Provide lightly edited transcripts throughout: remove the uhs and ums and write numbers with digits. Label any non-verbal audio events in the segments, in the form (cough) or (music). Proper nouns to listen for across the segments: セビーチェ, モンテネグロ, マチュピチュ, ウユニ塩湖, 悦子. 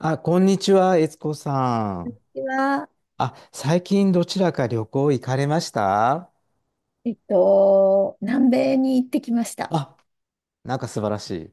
あ、こんにちは、悦子さん。私は、あ、最近どちらか旅行行かれました？南米に行ってきました。あ、なんか素晴らしい。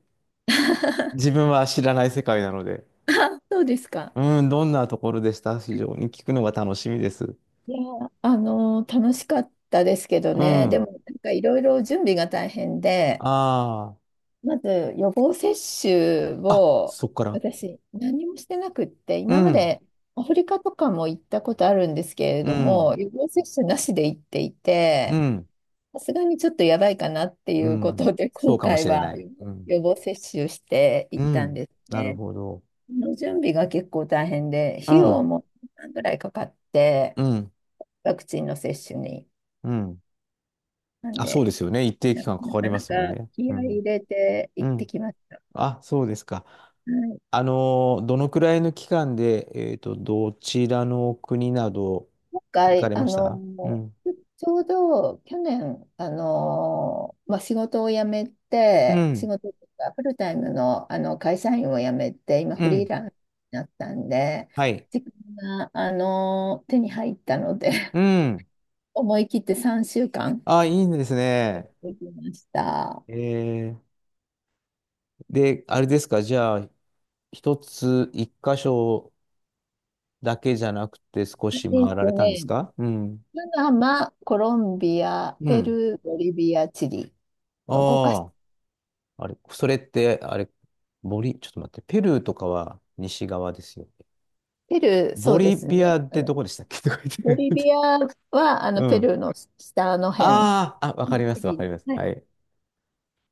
自 (laughs) 分は知らない世界なので。あ、そうですか。うん、どんなところでした？非常に聞くのが楽しみです。いや、楽しかったですけどうね。でも、ん。なんかいろいろ準備が大変で、あまず予防接種あ。あ、をそっから。私、何もしてなくって、う今まん、でアフリカとかも行ったことあるんですけれうどん、も、予防接種なしで行っていうて、ん、さすがにちょっとやばいかなっていううこん。とで、そう今かも回しれはない。うん、予防接種してう行ったんん。ですなるね。ほど。の準備が結構大変で、う費用ん、も何ぐらいかかって、うん、ワクチンの接種に。うん。なんあ、そうで、ですよね。一定期間かなかりかますもんなかね。気う合い入ん、れてう行ってん。きました。あ、そうですか。はい、あの、どのくらいの期間で、どちらの国など今行か回、れました？うん。ちょうど去年、仕事を辞めうて、仕ん。事というかフルタイムの、あの会社員を辞めて、今うフリーん。ランスになったんで、はい。時間が、手に入ったので、(laughs) うん。思い切って3週間あ、いいんです行っね。てきました。えー、で、あれですか、じゃあ、一つ、一箇所だけじゃなくて少えしえっ回られとたんですね、か？うん。パナマ、コロンビア、うペん。ルー、ボリビア、チリと5かしああ、あれ、それって、あれ、ボリ、ちょっと待って、ペルーとかは西側ですよね。ペルー、そボうでリすビアね。っあてどの、こでしたっけとか言ボっリて。ビアは、あ (laughs) うの、ペん。ルーの下の辺。ああ、あ、わかりまチす、わかりリ、ます。はい。はい。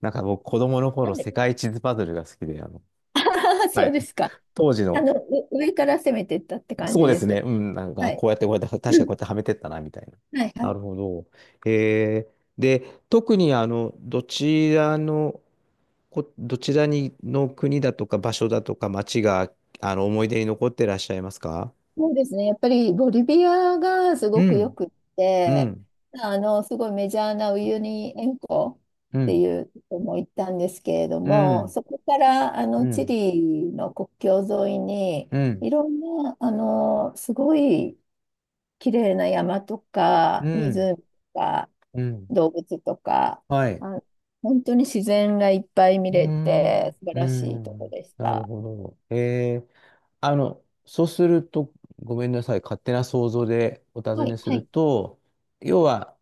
なんか僕、子供のな頃、んで 世界地図パズルが好きで、(laughs) あー、はそうでい。すか。(laughs) 当時の、上から攻めていったって感そうじでですね、す。うん、なんか、はあい。こうやって、こうやって、確かこうやって (clears throat) はめてったな、みたいな。はい、はない。るほど。えー、で、特に、あの、どちらの、こ、どちらに、の国だとか、場所だとか、町が、あの、思い出に残ってらっしゃいますか？そうですね。やっぱりボリビアがすうごくよん、くっうて、ん、あの、すごいメジャーなウユニ塩湖うってん、いうとこも行ったんですけれどうも、ん、そこからあうのチん、リの国境沿いに、うん、いろんな、あの、すごい綺麗な山とうか、ん、湖とか、うん。動物とか、はい。あ、本当に自然がいっぱい見うーれん、て、素晴うーらしいとこん、でしなるた。ほど。えー、あの、そうすると、ごめんなさい、勝手な想像でお尋はねい、すはるい。と、要は、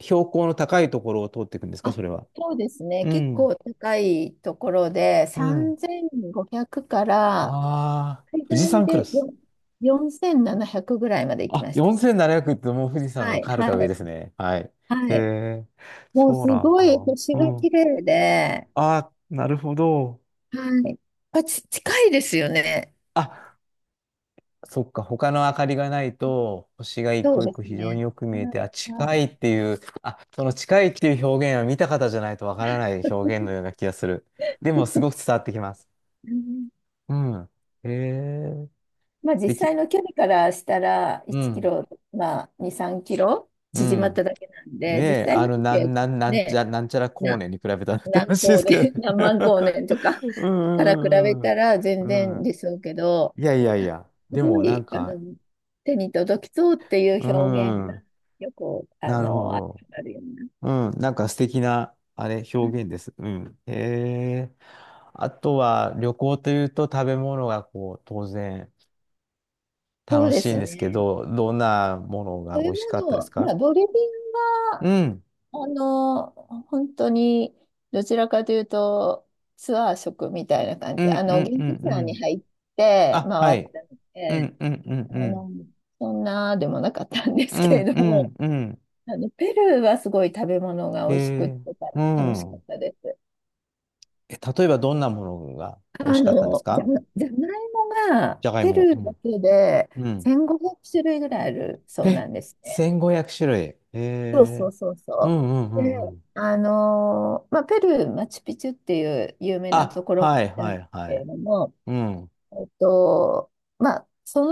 標高の高いところを通っていくんですか、あ、それは。そうですね。う結ん、構高いところで、うん。3500からああ、最富士大山でクラス。よ4700ぐらいまで行きあ、ました。4700ってもう富士山はのはい、はか上でい、すね。はい。へはい。え、もうそうすなんごいだ。星うが綺ん。麗で、あ、なるほど。はい。近いですよね。あそっか、他の明かりがないと、星が一そう個一で個す非常にね。よく見はえて、い、あ、は近いい。っていう、あ、その近いっていう表現は見た方じゃないとわからない表現のような気がする。でも、すごく (laughs) 伝わってきます。うん、うん。へえ、まあ素実敵。際の距離からしたらう1キん。ロ、まあ2、3キロう縮まっん。ただけなんねで、実え、際の時はね、なんちゃら光な、年に比べたらって何話で光すけ年、(laughs) 何万光ど。年とか (laughs) うから比べん。うんたら全うんう然ん。ですけど、いやいやいすや。でごも、なんい、か、手に届きそうっていうう表現ん。がよく、あなるほの、あど。るようん、なんか素敵な、あれ、うな。表現です。うん。へえ。あとは、旅行というと食べ物がこう、当然そう楽でしいんすですけね。ど、どんなものがそう美いう味しかっもたですの、まか？あ、ボリビアうは、ん。あの、本当に、どちらかというと、ツアー食みたいな感うじ、ん、あうの、ん、う現ん、地うツアーにん。入ってあ、は回っい。たのうで、ん、うん、うん、あうん。の、そんなでもなかったんですうけん、れうども、ん、うん。あの、ペルーはすごい食べ物がへ美味しくっえ。てう楽しかっん。たです。え、例えばどんなものが美味あしかったんですの、じゃ、か？じゃがいもがじゃがいペも。ルうーだけでん。うん。1500種類ぐらいあるそうなえ、んですね。1500種類。へそうそえ。うそううん、そうう。で、ん、うん、ペルー、マチュピチュっていう有名なとあ、ころはいなんはですいはけい。れども、うん。えっと、そ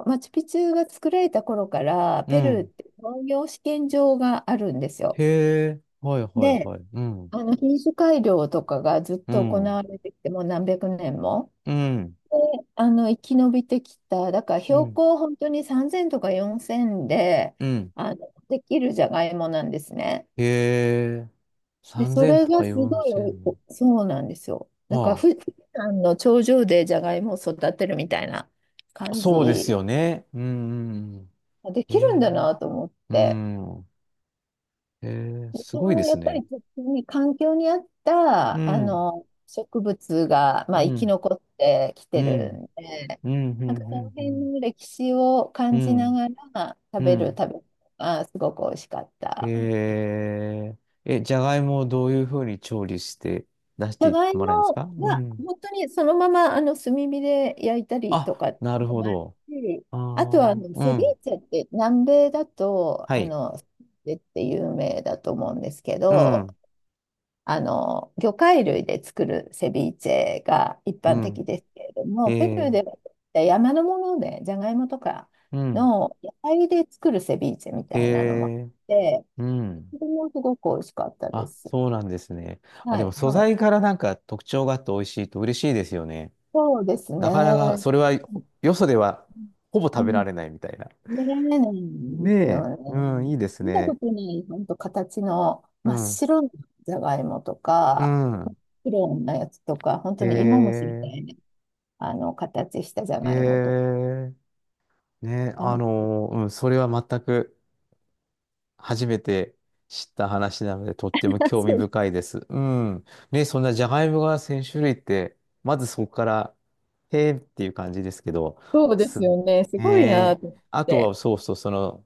のマチュピチュが作られた頃から、うペルーっん。て農業試験場があるんですよ。へえ。はいはいで、はい。うん。あの品種改良とかがずっうと行ん。われてきて、もう何百年も。うん。で、あの生き延びてきた、だからう標ん。高本当に3000とか4000でうん。あのできるじゃがいもなんですね。へえ。で、そ3000れとかがすごい4000。おそうなんですよ。なんかは富士山の頂上でじゃがいもを育てるみたいなあ。感そうでじすよね。うん。うんうんでへきるんえ。だなと思っうて。ん。へえ。すそごいでのやすっぱね。りちょに環境に合っうたあん。の植物が、まうあ、生きん。残ってきうてるん。んで、うん。うなんかそのん。う辺ん。の歴史をう感じなん。がら食うべる食んべ物がすごく美味しかっへた。え。え、じゃがいもをどういうふうに調理して出しじゃてがいもらえるんですもか？うはん。本当にそのままあの炭火で焼いたりとあ、かっなていうるのほもあるど。し、ああとはああ、のうセビん。ーチェって、南米だとはあい。のセビーチェって有名だと思うんですけうど、ん。あの、魚介類で作るセビーチェが一う般ん。的ですけれどへも、ペルーえ。では山のもので、ジャガイモとかうん。の野菜で作るセビーチェみへたいなのもあっえ。て、うん。それもすごく美味しかったであ、す。そうなんですね。あ、はでもい、素はい。材からなんか特徴があって美味しいと嬉しいですよね。そうですなかなか、ね。それは、よそではほぼう食べん。られ食ないみたいな。べられないんねですえ。ようん、ね。いいです見たこね。とない、本当形のう真っん。白なじゃがいもとうか、ん。黒のやつとか、本当へに芋虫みたえ。いあの、形したじゃへがいもとえ。かね。うん、それは全く。初めて知った話なので、とっても (laughs) 興そ味う、深いです。うん。ね、そんなジャガイモが1000種類って、まずそこから、へーっていう感じですけど、そうです、すよね。すごいねえ、なと思っあとて。はそうそう、その、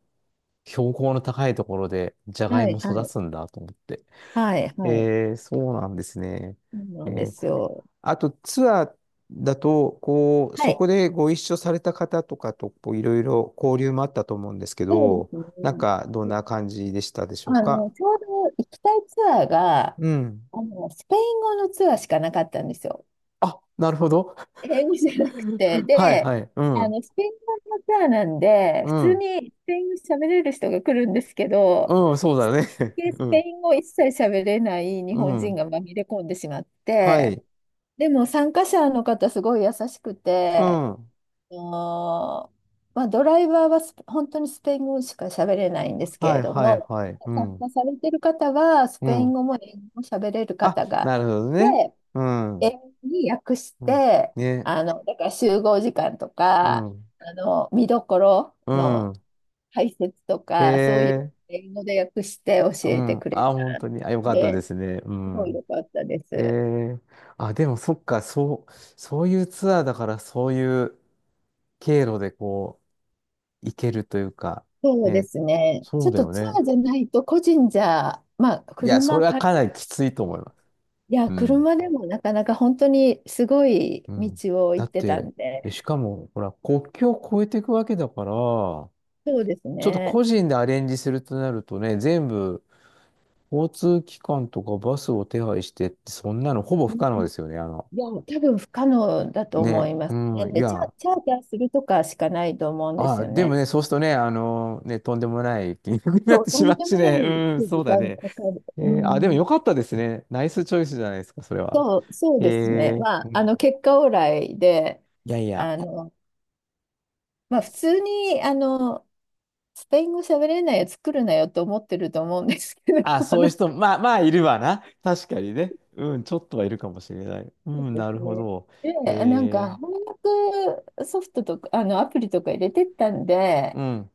標高の高いところで、ジャガイはモい、は育い、つんだと思って。はい、はい。えー、そうなんですね。そうえなんでー、すよ。あとツアーだと、こう、はそい。こでご一緒された方とかと、こう、いろいろ交流もあったと思うんですけそうでど、すね。なんか、どんで、な感じでしたでしょうあか？の、ちょうど行きたいツアーが、うん。あの、スペイン語のツアーしかなかったんですよ。あ、なるほど。英語じゃなくて。(laughs) はいで、はい。うあん。の、スペイン語のツアーなんで、う普通ん。にスペイン語喋れる人が来るんですけど、うん、そう一だ人ね。だけ (laughs) スうペん。イン語一切喋れない日う本人ん。が紛れ込んでしまっはて、い。でも参加者の方すごい優しくうて、ん。あの、まあ、ドライバーは本当にスペイン語しか喋れないんですけはれいどはいも、はい。う参ん。加されてる方はスうペインん。語も英語も喋れるあ、方がなるほどいね。て、うん。英う語に訳しん。て、ね。あの、だから集合時間とうか、ん。あの、見どころうん。の解説とへか、そういうえ。英語で訳して教うえてん。くれあ、本たん当に。あ、よかったで、ですね。うすごいん。良かったでえす。え、あ、でもそっか、そう、そういうツアーだから、そういう経路でこう、行けるというか、そうでね、すね。ちそょうっだとよツアね。ーじゃないと、個人じゃ、まあ、いや、そ車れはか、いかなりきついと思います。や、うん。車でもなかなか本当にすごいうん。道をだ行っってたて、んでで、しかも、ほら、国境を越えていくわけだから、ちょそうですっとね。個人でアレンジするとなるとね、全部、交通機関とかバスを手配してって、そんなのほぼう不ん、可能ですよね。あの、いや、多分不可能だと思ね、いますうね。ん、いで、や、チャーターするとかしかないと思うんであすあ、よでもね。ね、そうするとね、あのね、とんでもない金額になっそう、てとしまんうでしもなね。い (laughs) うん、そ時うだ間ね。かかる。えうー、あ、でもよん。かったですね。ナイスチョイスじゃないですか、それは。そうえですね。ー、まあ、うあん、の、結果オーライで、いやいや。あの、まあ、普通に、あの、スペイン語喋れないやつ来るなよと思ってると思うんですけど、あ、(laughs) あそういうの、人、まあまあいるわな。確かにね。うん、ちょっとはいるかもしれない。うそうん、でなるすほね。ど。で、なんえー、か翻訳ソフトとか、あの、アプリとか入れてったんで、うん、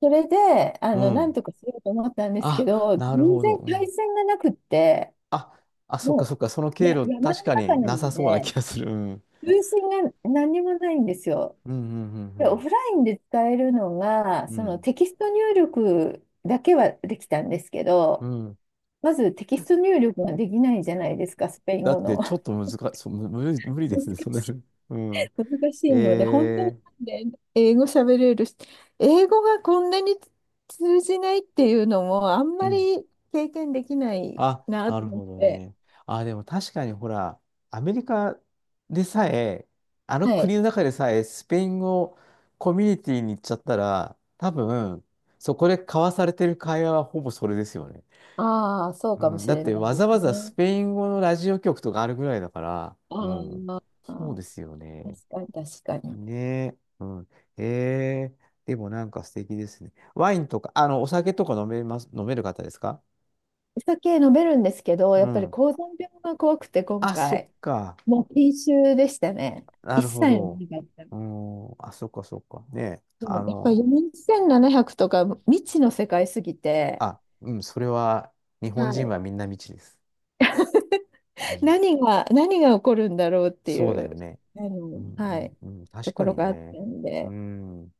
それで、あうの、なんん。とかしようと思ったんですけあ、ど、なる全ほど。然う回ん。線がなくって、あ、そっかもそっか。そのう、い経や、路、山確のか中にななさんそうなで、気がする。うん、通信が何にもないんですよ。うん、うで、オん、フラインで使えるのが、うん、うん。そうのん。テキスト入力だけはできたんですけうど、んまずテキスト入力ができないじゃないですか、スペインだ語っての。ちょっと難し、そう、む無理、無理で難すね、それ。(laughs) しうん。難しいので、本当にえなんで英語喋れるし、英語がこんなに通じないっていうのもあんえまうん。り経験できないあ、ななとる思っほどて、ね。あ、でも確かにほら、アメリカでさえ、あのは国い。の中でさえ、スペイン語コミュニティに行っちゃったら、多分、そこで交わされてる会話はほぼそれですよね。ああ、そううかもん。しだっれてないわでざすわざスね。ペイン語のラジオ局とかあるぐらいだから、うあん。あ、そうですよ確ね。かに確かに。ねえ、うん。ええ、でもなんか素敵ですね。ワインとか、あの、お酒とか飲めます、飲める方ですか？お酒飲めるんですけど、うやっぱりん。高山病が怖くて今あ、そっ回、か。もう禁酒でしたね。な一るほ切飲ど。めなかっうた。ん。あ、そっかそっか。ねえ、そあうやっぱりの、4700とか未知の世界すぎて、あ、うん、それは、日本は人い。はみんな未知です。はい。何が起こるんだろうっていそうだう、よね。あうの、んはい、うんうん。と確こかろにがあったね。んうで、ん。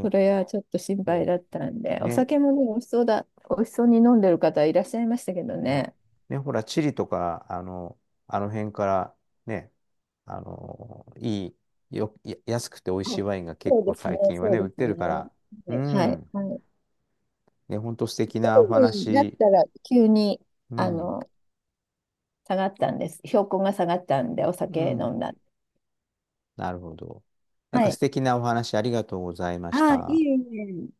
それはちょっと心配そだったんで、う。おね。酒もね、美味しそうに飲んでる方いらっしゃいましたけどうんね。ね、ほら、チリとか、あの、あの辺から、ね、あの、いい、よ、や安くて美味あ、しいワインが結そう構ですね、最近はそね、うで売っすてるね。から、うはい。はい、ん、はい。ね、ほんと素敵一なお人になっ話、たら急に、うあん、の、下がったんです。標高が下がったんで、おう酒ん、飲んだ。なるほど。なんはか素い。敵なお話ありがとうございましああ、いた。いね。